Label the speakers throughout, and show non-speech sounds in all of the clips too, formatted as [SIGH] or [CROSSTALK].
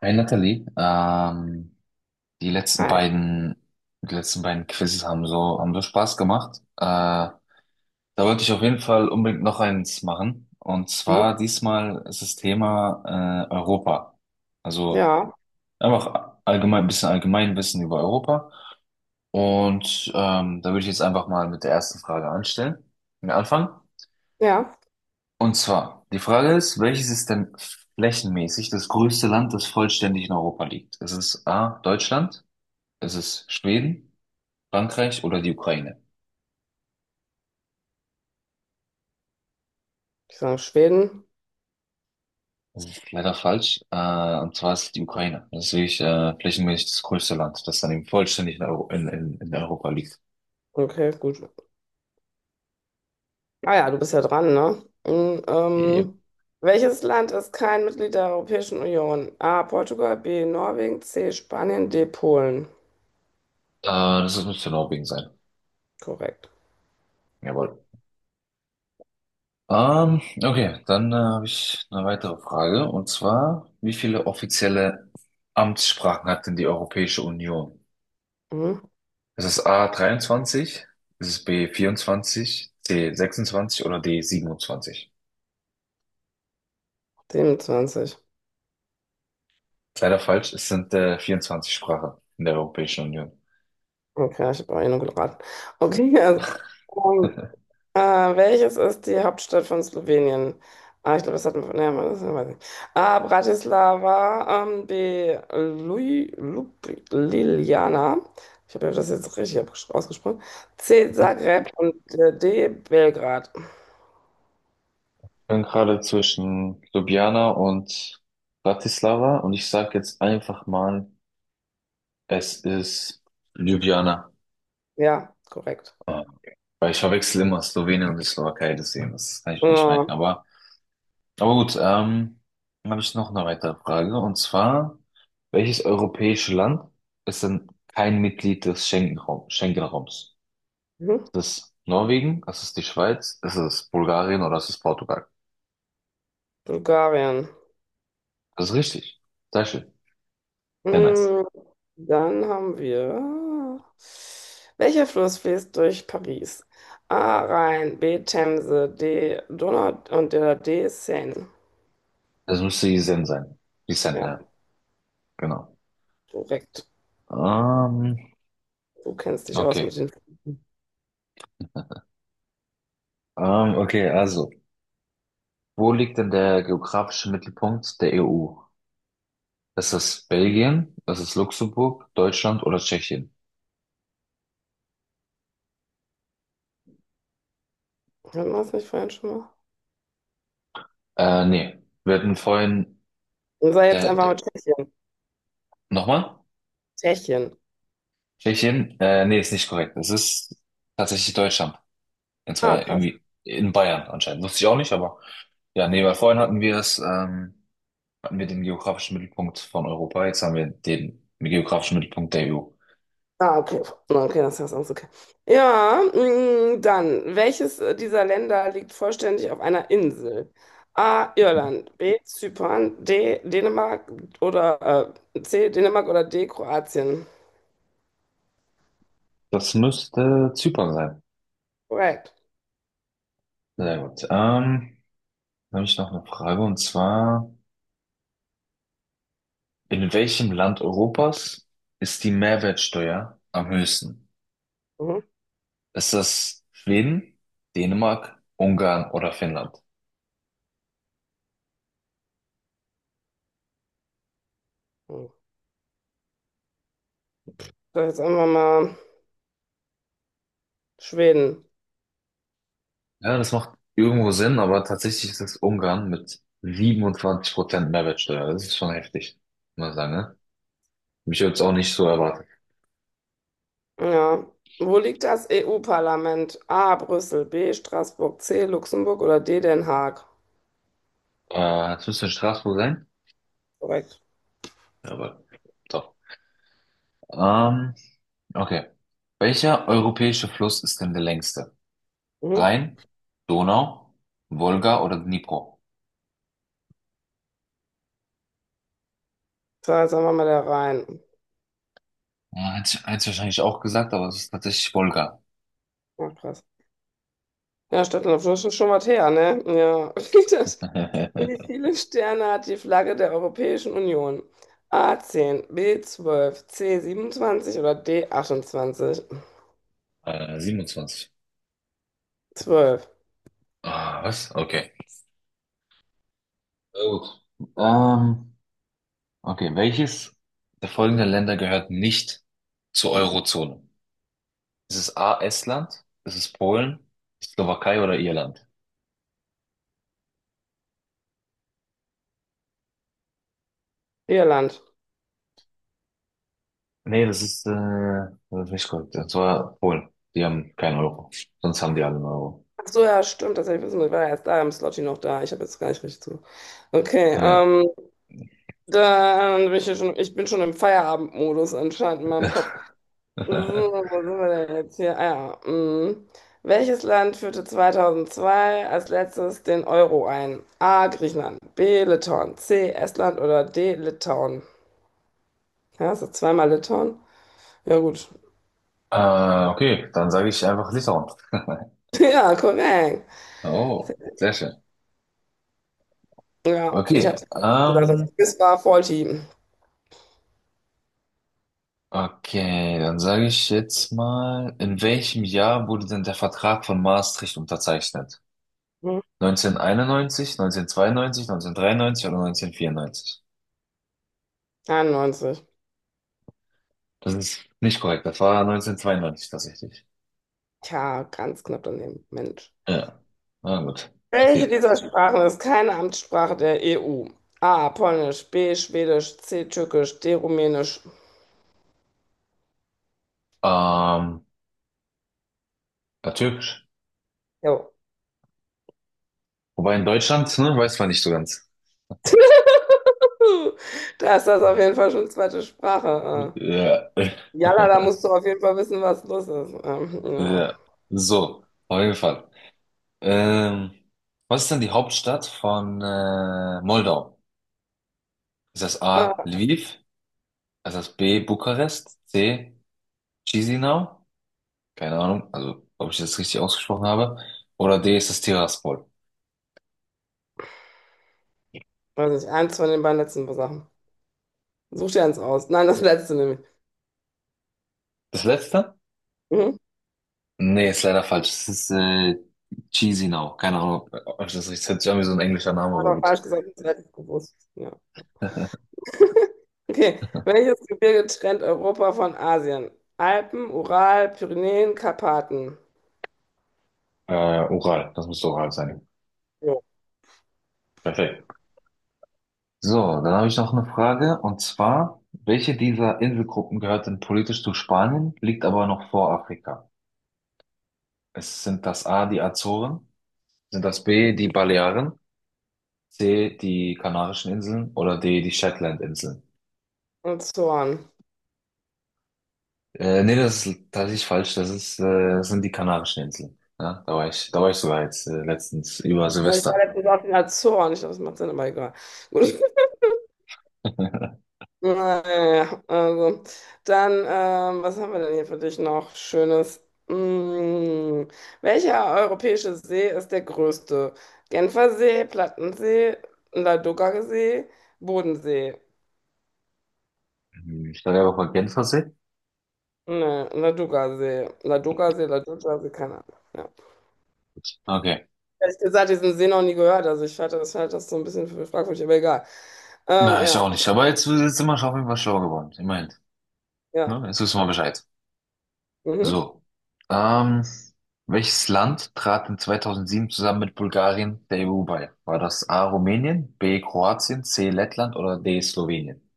Speaker 1: Hey Nathalie, die letzten
Speaker 2: Hi.
Speaker 1: beiden, die letzten beiden Quizzes haben so Spaß gemacht. Da wollte ich auf jeden Fall unbedingt noch eins machen. Und
Speaker 2: Mhm.
Speaker 1: zwar diesmal ist das Thema Europa. Also
Speaker 2: Ja,
Speaker 1: einfach allgemein, ein bisschen Allgemeinwissen über Europa. Und da würde ich jetzt einfach mal mit der ersten Frage anfangen.
Speaker 2: ja.
Speaker 1: Und zwar, die Frage ist, welches ist denn flächenmäßig das größte Land, das vollständig in Europa liegt? Ist es A, Deutschland? Es ist Schweden, Frankreich oder die Ukraine.
Speaker 2: Ich sage Schweden.
Speaker 1: Das ist leider falsch. Und zwar ist es die Ukraine. Das ist wirklich flächenmäßig das größte Land, das dann eben vollständig in Europa liegt.
Speaker 2: Okay, gut. Ah ja, du bist ja dran, ne? Mhm.
Speaker 1: Yep.
Speaker 2: Welches Land ist kein Mitglied der Europäischen Union? A. Portugal, B. Norwegen, C. Spanien, D. Polen.
Speaker 1: Äh, Das müsste Norwegen sein.
Speaker 2: Korrekt.
Speaker 1: Jawohl. Okay, dann habe ich eine weitere Frage. Und zwar, wie viele offizielle Amtssprachen hat denn die Europäische Union?
Speaker 2: Mhm.
Speaker 1: Ist es A 23, ist es B 24, C 26 oder D 27?
Speaker 2: 27.
Speaker 1: Leider falsch, es sind 24 Sprachen in der Europäischen Union.
Speaker 2: Okay, ich habe auch eh nur geraten. Okay, [LAUGHS] also,
Speaker 1: [LAUGHS]
Speaker 2: ah, welches ist die Hauptstadt von Slowenien? Ah, ich glaube, das hat man. Nee, das weiß ich nicht. A. Bratislava. B. Ljubljana. Ich habe das jetzt richtig ausgesprochen. C. Zagreb und D. Belgrad.
Speaker 1: Ich bin gerade zwischen Ljubljana und Bratislava und ich sage jetzt einfach mal, es ist Ljubljana.
Speaker 2: Ja, korrekt.
Speaker 1: Äh, Weil ich verwechsel immer Slowenien und die Slowakei, deswegen, das kann ich mir nicht merken.
Speaker 2: Ja.
Speaker 1: Aber gut, dann habe ich noch eine weitere Frage und zwar, welches europäische Land ist denn kein Mitglied des Schengen-Raums?
Speaker 2: Mhm.
Speaker 1: Ist es Norwegen? Ist es die Schweiz? Ist es Bulgarien oder ist es Portugal?
Speaker 2: Bulgarien.
Speaker 1: Das ist richtig. Sehr schön. Sehr nice.
Speaker 2: Mm. Dann haben wir. Welcher Fluss fließt durch Paris? A. Rhein, B. Themse, D. Donau und der D. Seine.
Speaker 1: Das müsste die Sen sein. Die Sen,
Speaker 2: Ja,
Speaker 1: ja. Genau.
Speaker 2: korrekt.
Speaker 1: Ähm,
Speaker 2: Du kennst dich aus
Speaker 1: okay.
Speaker 2: mit den Flüssen.
Speaker 1: Okay, also. Wo liegt denn der geografische Mittelpunkt der EU? Ist es Belgien? Ist es Luxemburg, Deutschland oder Tschechien?
Speaker 2: Hatten wir das nicht vorhin schon mal?
Speaker 1: Nee. Wir hatten vorhin,
Speaker 2: Und sei jetzt
Speaker 1: äh,
Speaker 2: einfach
Speaker 1: d-
Speaker 2: mit Tschechien.
Speaker 1: nochmal?
Speaker 2: Tschechien.
Speaker 1: Tschechien? Nee, ist nicht korrekt. Es ist tatsächlich Deutschland. Und
Speaker 2: Ah,
Speaker 1: zwar
Speaker 2: krass.
Speaker 1: irgendwie in Bayern anscheinend. Wusste ich auch nicht, aber, ja, nee, weil vorhin hatten wir es, hatten wir den geografischen Mittelpunkt von Europa, jetzt haben wir den geografischen Mittelpunkt der EU.
Speaker 2: Ah, okay. Okay, das ist alles okay. Ja, dann, welches dieser Länder liegt vollständig auf einer Insel? A. Irland, B. Zypern, D. Dänemark oder C. Dänemark oder D. Kroatien.
Speaker 1: Das müsste Zypern sein.
Speaker 2: Korrekt.
Speaker 1: Sehr gut. Dann habe ich noch eine Frage und zwar, in welchem Land Europas ist die Mehrwertsteuer am höchsten?
Speaker 2: Mhm.
Speaker 1: Ist das Schweden, Dänemark, Ungarn oder Finnland?
Speaker 2: Mhm. So, jetzt einfach mal Schweden.
Speaker 1: Ja, das macht irgendwo Sinn, aber tatsächlich ist es Ungarn mit 27% Mehrwertsteuer. Das ist schon heftig, muss man sagen, ne? Mich jetzt auch nicht so erwartet.
Speaker 2: Ja. Wo liegt das EU-Parlament? A. Brüssel, B. Straßburg, C. Luxemburg oder D. Den Haag.
Speaker 1: Jetzt müsste in Straßburg sein.
Speaker 2: Korrekt.
Speaker 1: Aber doch. Ähm, okay. Welcher europäische Fluss ist denn der längste?
Speaker 2: Mhm.
Speaker 1: Rhein, Donau, Wolga oder Dnipro?
Speaker 2: So, jetzt einfach mal da rein.
Speaker 1: Ja, hätte ich wahrscheinlich auch gesagt, aber es ist tatsächlich Wolga.
Speaker 2: Ach, krass. Ja, Stadtland, das ist schon was her, ne? Ja. [LAUGHS] Das, wie
Speaker 1: [LAUGHS]
Speaker 2: viele Sterne hat die Flagge der Europäischen Union? A 10, B 12, C 27 oder D 28.
Speaker 1: 27.
Speaker 2: 12.
Speaker 1: Ah, was? Okay. Na gut. Ähm, okay, welches der folgenden Länder gehört nicht zur Eurozone? Ist es A, Estland? Ist es Polen? Slowakei oder Irland?
Speaker 2: Irland.
Speaker 1: Nee, das ist nicht korrekt. Das war Polen. Die haben keinen Euro. Sonst haben die alle einen Euro.
Speaker 2: Ach so, ja, stimmt, tatsächlich wissen wir, ich war ja erst da im Slotty noch da. Ich habe jetzt gar nicht richtig zu. Okay,
Speaker 1: Ja.
Speaker 2: dann bin ich ja schon, ich bin schon im Feierabendmodus anscheinend in meinem Kopf. So,
Speaker 1: [LAUGHS]
Speaker 2: wo sind wir denn jetzt hier? Ah, ja. Mm. Welches Land führte 2002 als letztes den Euro ein? A. Griechenland, B. Litauen, C. Estland oder D. Litauen? Ja, ist das zweimal Litauen? Ja, gut. [LAUGHS]
Speaker 1: Okay, dann sage ich einfach Litauen. [LAUGHS]
Speaker 2: Ja, korrekt.
Speaker 1: Oh, sehr schön.
Speaker 2: Ja, ich habe
Speaker 1: Okay,
Speaker 2: es gesagt,
Speaker 1: ähm,
Speaker 2: das Quiz war voll Team.
Speaker 1: okay, dann sage ich jetzt mal, in welchem Jahr wurde denn der Vertrag von Maastricht unterzeichnet?
Speaker 2: Hm,
Speaker 1: 1991, 1992, 1993 oder 1994?
Speaker 2: 91.
Speaker 1: Das ist nicht korrekt, das war 1992 tatsächlich.
Speaker 2: Tja, ganz knapp daneben. Mensch.
Speaker 1: Ja, na gut,
Speaker 2: Welche
Speaker 1: passiert.
Speaker 2: dieser Sprachen ist keine Amtssprache der EU? A. Polnisch, B. Schwedisch, C. Türkisch, D. Rumänisch.
Speaker 1: Ähm, Ja, türkisch.
Speaker 2: Jo.
Speaker 1: Wobei in Deutschland, ne, weiß man nicht so ganz.
Speaker 2: [LAUGHS] Da ist das auf jeden Fall schon zweite Sprache.
Speaker 1: Ja.
Speaker 2: Jalla, da musst
Speaker 1: [LAUGHS]
Speaker 2: du auf jeden Fall wissen, was los ist. Ja.
Speaker 1: Ja. So, auf jeden Fall. Ähm, Was ist denn die Hauptstadt von Moldau? Ist das A.
Speaker 2: Ah,
Speaker 1: Lviv? Ist das B. Bukarest? C. Chisinau? Keine Ahnung, also ob ich das richtig ausgesprochen habe. Oder D. Ist das Tiraspol?
Speaker 2: weiß nicht, eins von den beiden letzten Sachen. Such dir eins aus. Nein, das letzte nämlich.
Speaker 1: Das letzte?
Speaker 2: Mhm.
Speaker 1: Nee, ist leider falsch. Es ist Chisinau. Keine Ahnung, ob ich das richtig. Das hört sich an wie so ein englischer Name, aber
Speaker 2: Aber
Speaker 1: gut.
Speaker 2: falsch gesagt, das hätte ich gewusst. Ja. Okay. Welches Gebirge trennt Europa von Asien? Alpen, Ural, Pyrenäen, Karpaten.
Speaker 1: Ural, das muss Ural sein.
Speaker 2: Jo.
Speaker 1: Perfekt. So, dann habe ich noch eine Frage und zwar, welche dieser Inselgruppen gehört denn politisch zu Spanien, liegt aber noch vor Afrika? Es sind das A, die Azoren, sind das B, die Balearen, C, die Kanarischen Inseln oder D, die Shetlandinseln?
Speaker 2: Und Zorn.
Speaker 1: Nee, das ist tatsächlich falsch, das sind die Kanarischen Inseln. Ja, da war ich sogar jetzt letztens über
Speaker 2: Weil ich war
Speaker 1: Silvester. [LAUGHS]
Speaker 2: letztens auf den Azoren. Ich glaube, das macht Sinn, aber egal. Gut. Naja, also. Dann, was haben wir denn hier für dich noch Schönes? Welcher europäische See ist der größte? Genfer See, Plattensee, Ladoga See, Bodensee.
Speaker 1: Hm, ich war ja auch mal Genfersee.
Speaker 2: Ne, Ladoga See. Ladoga See, Ladoga See, keine Ahnung. Ja.
Speaker 1: Okay.
Speaker 2: Ehrlich gesagt, diesen See noch nie gehört. Also ich halte das so ein bisschen für fragwürdig, aber egal.
Speaker 1: Na, ich auch
Speaker 2: Ja,
Speaker 1: nicht. Aber jetzt sind wir schon auf jeden Fall schlau geworden. Immerhin.
Speaker 2: ja.
Speaker 1: Ne? Jetzt wissen wir Bescheid.
Speaker 2: Mhm.
Speaker 1: So, ähm, welches Land trat in 2007 zusammen mit Bulgarien der EU bei? War das A. Rumänien, B. Kroatien, C. Lettland oder D. Slowenien?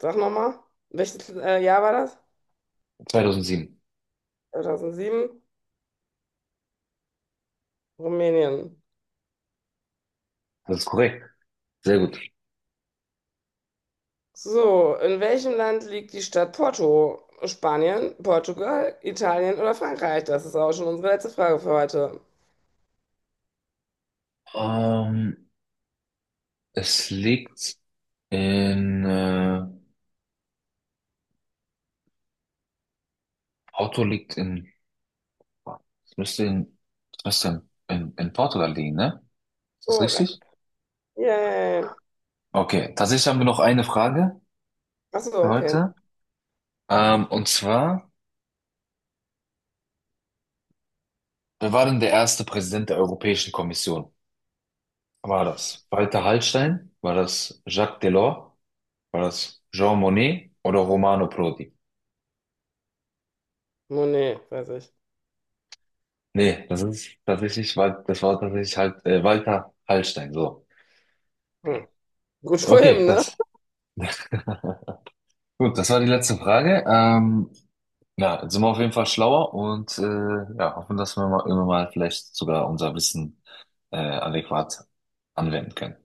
Speaker 2: Sag nochmal. Welches Jahr war das?
Speaker 1: 2007.
Speaker 2: 2007, Rumänien.
Speaker 1: Das ist korrekt. Sehr gut.
Speaker 2: So, in welchem Land liegt die Stadt Porto? Spanien, Portugal, Italien oder Frankreich? Das ist auch schon unsere letzte Frage für heute.
Speaker 1: Ähm, es liegt in, Porto liegt in, es müsste in, es müsste in, Portugal liegen, ne? Ist das richtig?
Speaker 2: Korrekt. Yay.
Speaker 1: Okay, tatsächlich haben wir noch eine Frage
Speaker 2: Achso,
Speaker 1: für
Speaker 2: okay.
Speaker 1: heute. Und zwar, wer war denn der erste Präsident der Europäischen Kommission? War das Walter Hallstein? War das Jacques Delors? War das Jean Monnet oder Romano Prodi?
Speaker 2: Monet, weiß ich.
Speaker 1: Nee, das war tatsächlich halt Walter Hallstein. So.
Speaker 2: Hm. Gut [LAUGHS] für
Speaker 1: Okay,
Speaker 2: ihn, ne?
Speaker 1: das gut, das war die letzte Frage. Ja, jetzt sind wir auf jeden Fall schlauer und ja, hoffen, dass wir immer mal vielleicht sogar unser Wissen adäquat anwenden können.